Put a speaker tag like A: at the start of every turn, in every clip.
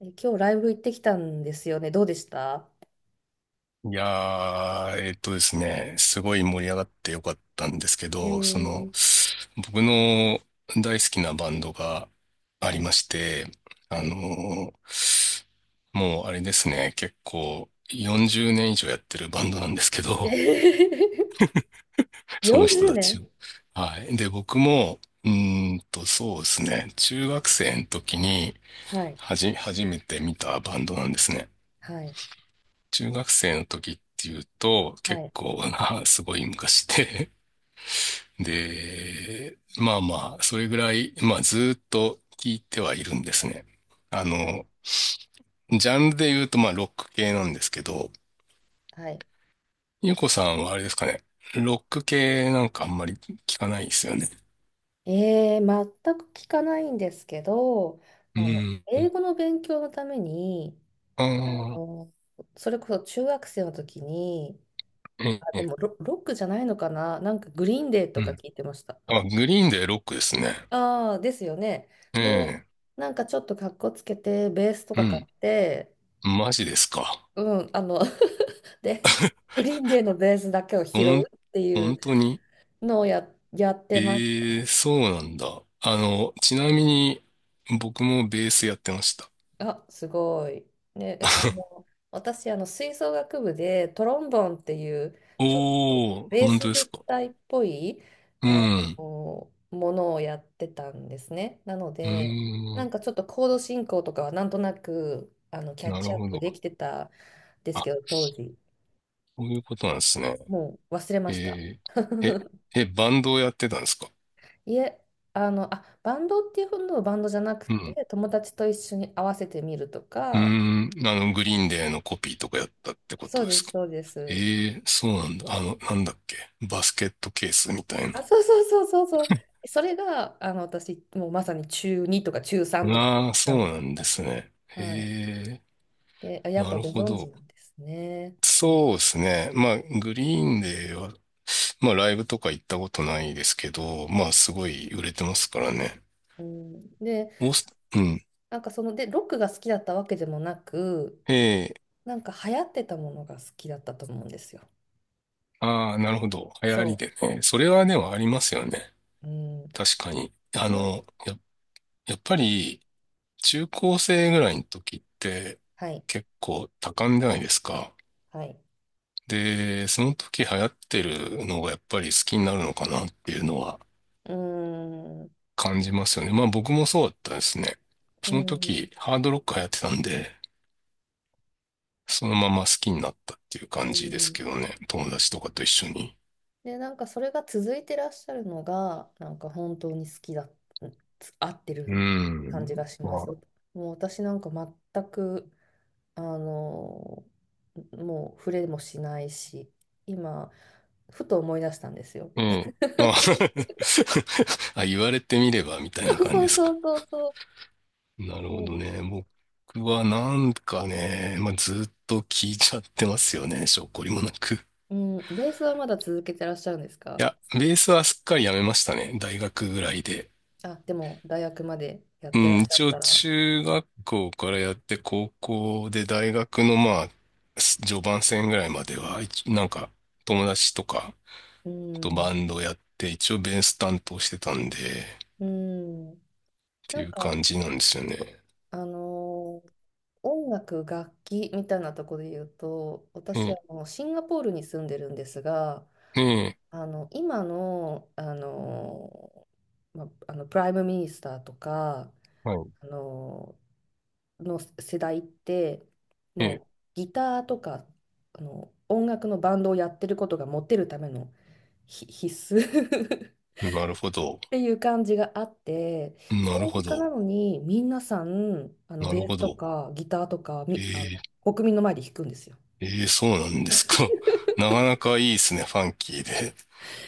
A: え、今日ライブ行ってきたんですよね。どうでした？
B: いやー、えっとですね、すごい盛り上がってよかったんですけ
A: え
B: ど、その、
A: ー、
B: 僕の大好きなバンドがあ
A: は
B: りま
A: い。
B: して、
A: は
B: あ
A: い。
B: のーもうあれですね、結構40年以上やってるバンドなんですけど、その人
A: 40
B: たち
A: 年
B: を。はい。で、僕も、そうですね、中学生の時に、
A: はい。
B: 初めて見たバンドなんですね。
A: はい。
B: 中学生の時っていうと、
A: は
B: 結
A: い。
B: 構な、すごい昔で、で、まあまあ、それぐらい、まあずーっと聞いてはいるんですね。あ
A: はい。
B: の、ジャンルで言うとまあロック系なんですけど、
A: はい。
B: ゆうこさんはあれですかね、ロック系なんかあんまり聞かないですよね。
A: えー、全く聞かないんですけど、
B: うん。
A: 英語の勉強のために、
B: あ
A: あ
B: あ、
A: のそれこそ中学生の時に、
B: え
A: あ、で
B: え、
A: もロックじゃないのかな、なんかグリーンデー
B: う
A: とか
B: ん。
A: 聞いてました。
B: あ、グリーンでロックですね。
A: ああ、ですよね。
B: え
A: で、
B: え、
A: なんかちょっとかっこつけて、ベースと
B: う
A: か買
B: ん。
A: って、
B: マジですか。
A: うん、で、グリーンデーのベースだけを
B: ほ
A: 拾う
B: ん、
A: っていう
B: 本当に。
A: のをやってまし
B: え
A: た。
B: え、そうなんだ。あの、ちなみに、僕もベースやってました。
A: あ、すごい。ね、えあの、私、吹奏楽部でトロンボンっていう、ちょっと
B: おー、
A: ベー
B: 本
A: ス
B: 当で
A: 部
B: すか。
A: 隊っぽい、
B: う
A: あ
B: ん。
A: ものをやってたんですね。なの
B: う
A: で、
B: ー
A: なん
B: ん。
A: かちょっとコード進行とかはなんとなく、キャッ
B: な
A: チ
B: る
A: アッ
B: ほ
A: プ
B: ど。
A: できてたんですけ
B: あ、
A: ど、当時。
B: そういうことなんですね。
A: もう忘れました。
B: えー、え、え、バンドをやってたんですか？
A: いえ、バンドっていうほどのバンドじゃなく
B: うん。
A: て、友達と一緒に合わせてみると
B: うー
A: か、
B: ん。あの、グリーンデーのコピーとかやったってこ
A: そ
B: と
A: う
B: で
A: で
B: す
A: す、
B: か？
A: そうです。
B: ええ、そうなんだ。あの、なんだっけ。バスケットケースみたい
A: あ、
B: な。
A: そうそうそうそうそう。それが、私、もうまさに中2とか中3とか、そうい
B: ああ、
A: う
B: そう
A: 感じで
B: な
A: し
B: んで
A: た。
B: すね。え
A: はい。
B: え、
A: で、やっ
B: な
A: ぱ
B: る
A: ご
B: ほ
A: 存知
B: ど。
A: なんですね。
B: そうですね。まあ、グリーンデーは、まあ、ライブとか行ったことないですけど、まあ、すごい売れてますからね。
A: うん、で、
B: オース、うん。
A: なんかロックが好きだったわけでもなく、
B: ええ、
A: なんか流行ってたものが好きだったと思うんですよ。
B: ああ、なるほど。流行り
A: そ
B: でね。それはでもありますよね。
A: う。うん。
B: 確かに。
A: なん、
B: やっぱり、中高生ぐらいの時って、
A: はい、
B: 結構多感じゃないですか。
A: はい。
B: で、その時流行ってるのがやっぱり好きになるのかなっていうのは
A: うん、う
B: 感じますよね。まあ僕もそうだったですね。その
A: ん。
B: 時、ハードロックやってたんで、そのまま好きになったっていう
A: う
B: 感じです
A: ん。
B: けどね。友達とかと一緒に。
A: で、なんかそれが続いてらっしゃるのが、なんか本当に好きだ、うん、合って
B: う
A: る感
B: ん。
A: じがしま
B: まあ、
A: す。もう私なんか全く、あの、もう触れもしないし、今、ふと思い出したんですよ。
B: うん。あ あ、言われてみればみたい
A: そ
B: な
A: う
B: 感じ
A: そ
B: で
A: う
B: す
A: そ
B: か。
A: うそうそう。
B: なるほ
A: そう
B: ど
A: です。
B: ね。僕はなんかね、まあ、ずっと聞いちゃってますよね。しょっこりもなく。い
A: うん、ベースはまだ続けてらっしゃるんですか？
B: や、ベースはすっかりやめましたね。大学ぐらいで。
A: あ、でも大学までやっ
B: う
A: てら
B: ん、
A: っしゃ
B: 一
A: っ
B: 応
A: たら。
B: 中学校からやって高校で大学のまあ、序盤戦ぐらいまでは、なんか友達とか
A: う
B: とバ
A: ん。
B: ンドやって一応ベース担当してたんで、っ
A: うん。
B: て
A: な
B: い
A: ん
B: う
A: か、
B: 感じなんですよね。
A: あのー音楽、楽器みたいなところで言うと、
B: え
A: 私、
B: え、
A: シンガポールに住んでるんですが、
B: ね
A: 今の、プライムミニスターとか、
B: え、はい。
A: あの、の世代って、
B: え
A: もうギターとか、音楽のバンドをやってることがモテるための必須 っ
B: え、なるほど。
A: ていう感じがあって、
B: なる
A: 政
B: ほ
A: 治家な
B: ど。
A: のに皆さん、
B: な
A: ベ
B: る
A: ー
B: ほ
A: スと
B: ど。
A: かギターとか、
B: え
A: み、あの、
B: ー
A: 国民の前で弾くんですよ。
B: ええそうなんですか。なかなかいいですね、ファンキーで。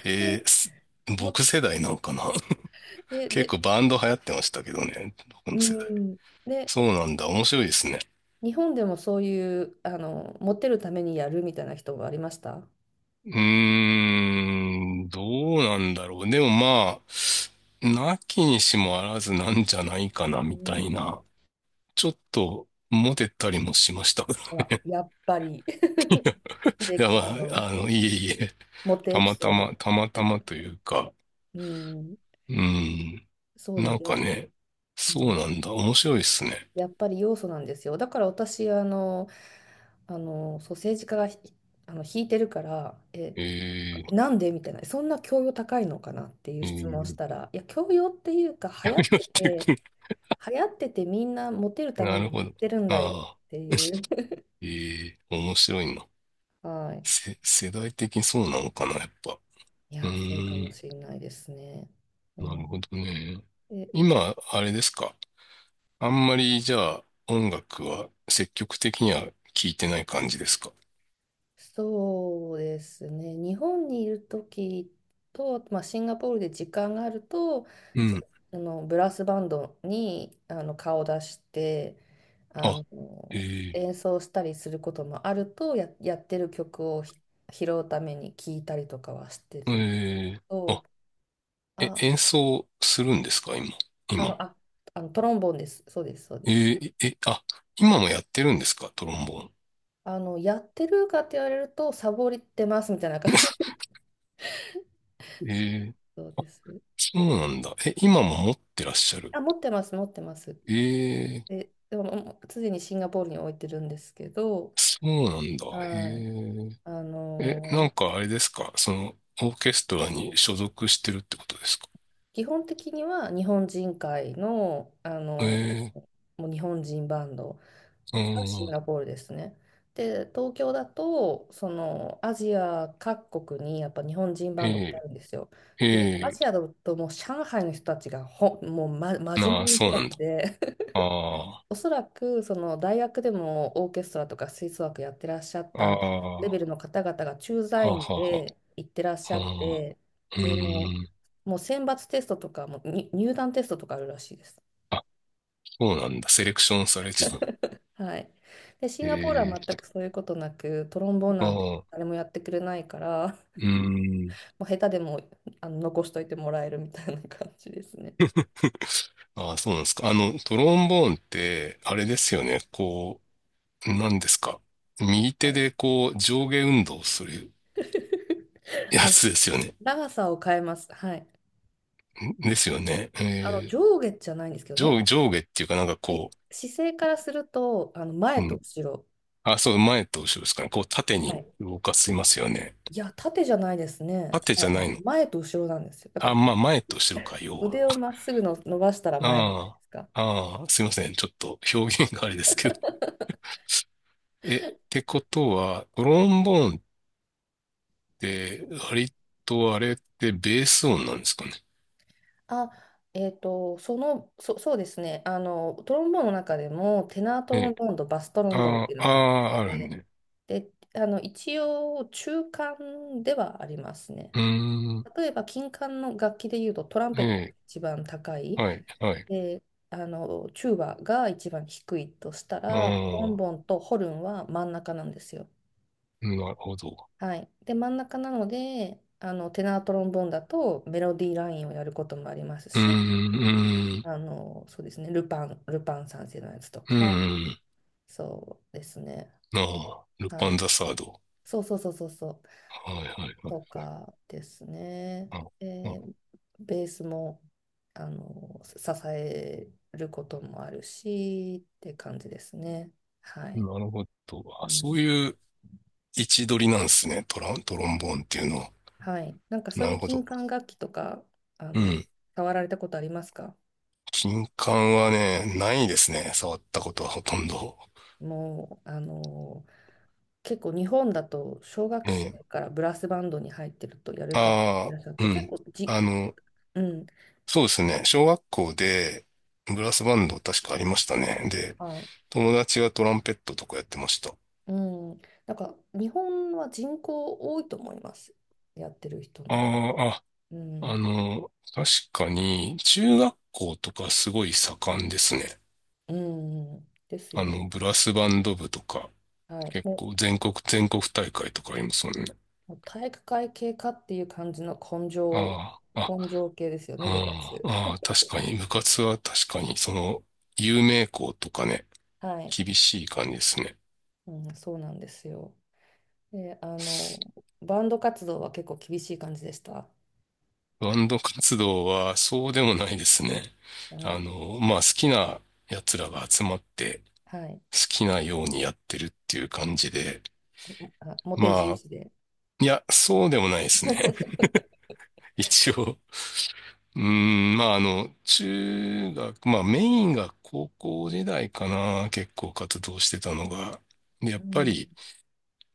B: え
A: で、
B: えす
A: も、
B: 僕世代なのかな。
A: で、
B: 結
A: で、
B: 構バンド流行ってましたけどね、僕
A: う
B: の世代。
A: ん。で、
B: そ
A: え
B: うなんだ。面白いですね。
A: 日本でもそういう、モテるためにやるみたいな人はありました？
B: うーん、どうなんだろう。でもまあ、なきにしもあらずなんじゃないかな、
A: う
B: みた
A: ん、
B: いな。ちょっと、モテたりもしました。
A: ほ ら、やっぱり、秀
B: いや、
A: 樹
B: ま
A: さんの
B: あ、あの、いえいえ、
A: モテ
B: た
A: エピ
B: また
A: ソー
B: ま、
A: ド。
B: たまたまというか、
A: うん、
B: うん、
A: そうで
B: なん
A: す。
B: かね、
A: う
B: そ
A: ん、
B: うなんだ。面白いですね。
A: やっぱり要素なんですよ。だから私、そう、政治家が引いてるから、
B: え
A: なんでみたいな、そんな教養高いのかなっていう
B: ー、え
A: 質問をした
B: ー、
A: ら、いや、教養っていうか、流
B: や
A: 行っ
B: め
A: て
B: て
A: て、
B: く。
A: 流行っててみんなモテるため
B: な
A: に
B: る
A: やっ
B: ほど。
A: てるんだよ
B: ああ、
A: って いう。
B: えー、面白いな。
A: はい。
B: 世代的にそうなのかな、やっぱ。
A: い
B: う
A: やー、そうか
B: ー
A: も
B: ん、
A: しれないですね。う
B: なる
A: ん。
B: ほどね。
A: で、
B: 今、あれですか。あんまり、じゃあ、音楽は積極的には聴いてない感じですか。
A: そうですね。日本にいる時と、まあ、シンガポールで時間があると、
B: う
A: そ、
B: ん。
A: あのブラスバンドに顔を出して、あ
B: あ、
A: の
B: え
A: 演奏したりすることもあると、やってる曲を拾うために聞いたりとかはして
B: ー、
A: るの
B: えー、
A: と、
B: あ、え、
A: あ、
B: 演奏するんですか、今。今
A: あの、
B: も。
A: あ、トロンボーンです。そうです、そう
B: え
A: です。
B: ー、え、あ、今もやってるんですか、トロンボー
A: やってるかって言われると、サボりってますみたいな感じです。
B: ン。えー、
A: そうです。
B: そうなんだ。え、今も持ってらっしゃる。
A: あ、持ってます、持ってます。
B: えー、
A: でも、もう常にシンガポールに置いてるんですけど、
B: そうなんだ。
A: はい。
B: へ
A: あ
B: え、なん
A: のー、
B: かあれですかその、オーケストラに所属してるってことですか？
A: 基本的には日本人会の、
B: え
A: ー、
B: ー、
A: もう日本人バンド
B: う
A: がシン
B: ん、
A: ガポールですね。で、東京だと、そのアジア各国にやっぱ日本人バンドってあ
B: え
A: るんですよ。
B: ー、
A: で、ア
B: え
A: ジアだともう上海の人たちがもう、
B: ー、
A: 真
B: な
A: 面
B: あ、
A: 目な
B: そ
A: 人
B: う
A: た
B: なん
A: ち
B: だ。
A: で、
B: あ
A: おそらくその大学でもオーケストラとか吹奏楽やってらっしゃっ
B: あ、あ
A: た
B: あ、
A: レベ
B: は
A: ルの方々が駐
B: あ
A: 在
B: は
A: 員
B: あは
A: で行ってらっしゃっ
B: あ、あ
A: て、
B: ーう
A: で、も
B: ーん、
A: う、選抜テストとかに入団テストとかあるらしいです。
B: あ、そうなんだ。セレクションされてた。
A: はい。で、シン
B: え
A: ガポール
B: ー、
A: は全くそういうことなく、トロンボーン
B: あ
A: なんて
B: あ、う
A: 誰もやってくれないから、
B: ーん、
A: もう下手でも残しといてもらえるみたいな感じですね。
B: ああ、そうなんですか。あの、トロンボーンって、あれですよね。こう、なんですか。右
A: は
B: 手
A: い。
B: でこう、上下運動する や
A: あの、
B: つですよね。
A: 長さを変えます。はい。
B: んですよね。えー
A: 上下じゃないんですけどね。
B: 上下っていうかなんか
A: い
B: こ
A: 姿勢からすると、
B: う、
A: 前
B: う
A: と
B: ん。
A: 後ろ。
B: あ、そう、前と後ろですかね。こう縦
A: は
B: に
A: い。
B: 動かしますよね。
A: いや、縦じゃないですね。
B: 縦じゃないの。
A: 前と後ろなんですよ。だか
B: あ、
A: ら
B: まあ前と後ろか、要は。
A: 腕をまっすぐの伸ばしたら前じゃないで
B: あ
A: すか。
B: あ、ああ、すいません。ちょっと表現があれですけど。え、ってことは、ト
A: は
B: ロ
A: い。
B: ンボーンって、割とあれってベース音なんですかね。
A: あ、そうですね。トロンボーンの中でも、テナートロン
B: え、
A: ボーンとバストロンボーンっ
B: あ
A: ていう
B: あ、
A: のがあっ
B: ああ、ある
A: て、
B: ね。
A: で、一応、中間ではありますね。
B: うーん、
A: 例えば、金管の楽器でいうと、トラン
B: え
A: ペットが
B: え、
A: 一番高い、
B: はい、はい。
A: で、チューバが一番低いとしたら、トロ
B: あ
A: ン
B: あ、
A: ボーンとホルンは真ん中なんですよ。
B: なるほど。
A: はい。で、真ん中なので、テナートロンボーンだとメロディーラインをやることもあります
B: うー
A: し、
B: ん、うーん、
A: そうですね、ルパン三世のやつと
B: う
A: か、
B: ーん。
A: そうですね、
B: ああ、ル
A: は
B: パン
A: い、
B: ザサード。
A: そうそうそうそうそう、
B: はいはいはい
A: と
B: はい。
A: かですね、
B: あ、あ
A: えベースも支えることもあるしって感じですね。はい、
B: なるほど。あ、
A: う
B: そう
A: ん、
B: いう位置取りなんですね。トロンボーンっていうのは。
A: はい、なんかそう
B: な
A: いう
B: るほ
A: 金
B: ど。
A: 管楽器とか、あ
B: う
A: の、
B: ん。
A: 触られたことありますか？
B: 金管はね、ないですね。触ったことはほとんど。
A: もう、結構日本だと小
B: え
A: 学生
B: え。
A: からブラスバンドに入ってるとやる方い
B: あ
A: らっしゃっ
B: あ、
A: て
B: う
A: 結
B: ん。
A: 構じ、
B: あの、
A: うん、
B: そうですね。小学校でブラスバンド確かありましたね。で、
A: はい、
B: 友達がトランペットとかやってました。あ
A: うん、なんか日本は人口多いと思います、やってる人の。
B: あ、あ、
A: う
B: あ
A: ん、
B: の、確かに、中学校とかすごい盛んですね。
A: うん、うんです
B: あ
A: よ
B: の、ブ
A: ね。
B: ラスバンド部とか、
A: はい、
B: 結
A: も
B: 構全国大会とかありますもんね。
A: う体育会系かっていう感じの
B: ああ、
A: 根性系ですよ
B: あ、
A: ね、部活。
B: うん、あ あ、確かに、部活は確かに、その、有名校とかね、
A: はい、
B: 厳しい感じですね。
A: うん、そうなんですよ。で、バンド活動は結構厳しい感じでした。
B: バンド活動はそうでもないですね。
A: あ
B: あ
A: の、
B: の、まあ、好きな奴らが集まって、
A: はい、
B: 好きなようにやってるっていう感じで、
A: あ、モテ重
B: まあ、
A: 視で。
B: いや、そうでもないですね。一応、うーん、まあ、あの、中学、まあ、メインが高校時代かな、結構活動してたのが。でや
A: う
B: っぱ
A: ん、
B: り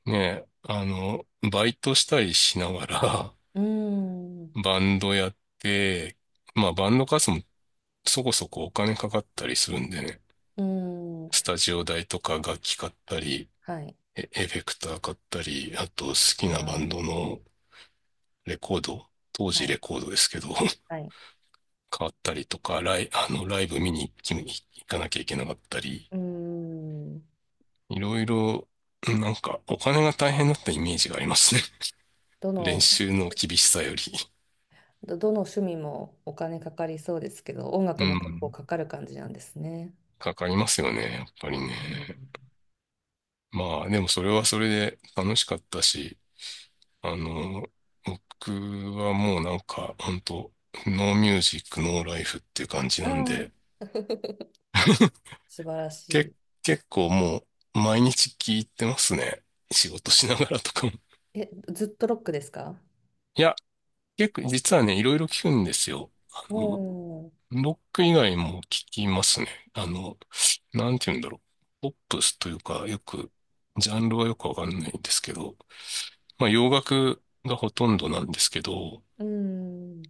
B: ね、あの、バイトしたりしながら、
A: うん、
B: バンドやって、まあ、バンド活動もそこそこお金かかったりするんでね、
A: うん、
B: スタジオ代とか楽器買ったり、
A: はい、
B: エフェクター買ったり、あと好き
A: あ
B: なバンド
A: ー、
B: のレコード、当
A: は
B: 時
A: い、
B: レコードですけど、
A: はい、
B: 変わったりとか、あの、ライブ見に行き行かなきゃいけなかったり、
A: うん、
B: いろいろ、なんか、お金が大変だったイメージがありますね。
A: ど
B: 練
A: の、
B: 習の厳しさより。
A: どの趣味もお金かかりそうですけど、音
B: う
A: 楽も結構
B: ん。
A: かかる感じなんですね。
B: かかりますよね、やっぱりね。
A: うん、
B: まあ、でもそれはそれで楽しかったし、あの、僕はもうなんか、本当ノーミュージック、ノーライフっていう感じ
A: あ
B: なん
A: あ、
B: で、
A: 素晴らし
B: け、
A: い。
B: 結構もう、毎日聞いてますね。仕事しながらとかも。
A: え、ずっとロックですか？
B: いや結構、実はね、いろいろ聞くんですよ。あの、
A: おー、
B: ロック以外も聞きますね。あの、なんて言うんだろう。ポップスというか、よく、ジャンルはよくわかんないんですけど、まあ、洋楽がほとんどなんですけど、
A: うん、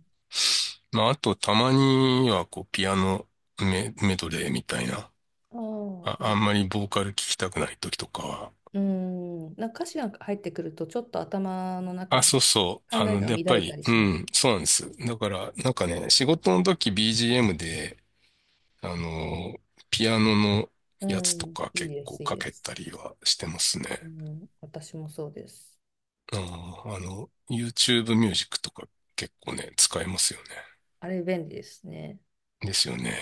B: まあ、あと、たまには、こう、ピアノメ、メドレーみたいな、
A: ああ、
B: あ、
A: い
B: あ
A: い、
B: んまりボーカル聞きたくない時とかは、
A: うん、なんか歌詞が入ってくると、ちょっと頭の中
B: あ、
A: で
B: そうそう。
A: 考
B: あ
A: え
B: の、
A: が乱
B: やっぱ
A: れた
B: り、
A: り
B: う
A: しま
B: ん、
A: す。
B: そうなんです。だから、なんかね、仕事の時 BGM で、あの、ピアノの
A: う
B: やつと
A: ん、
B: か
A: いい
B: 結
A: で
B: 構
A: す、いい
B: か
A: で
B: け
A: す。
B: たりはしてます
A: う
B: ね。
A: ん、私もそうです。
B: あーあの、YouTube ミュージックとか結構ね、使えますよね。
A: あれ便利ですね。
B: ですよね。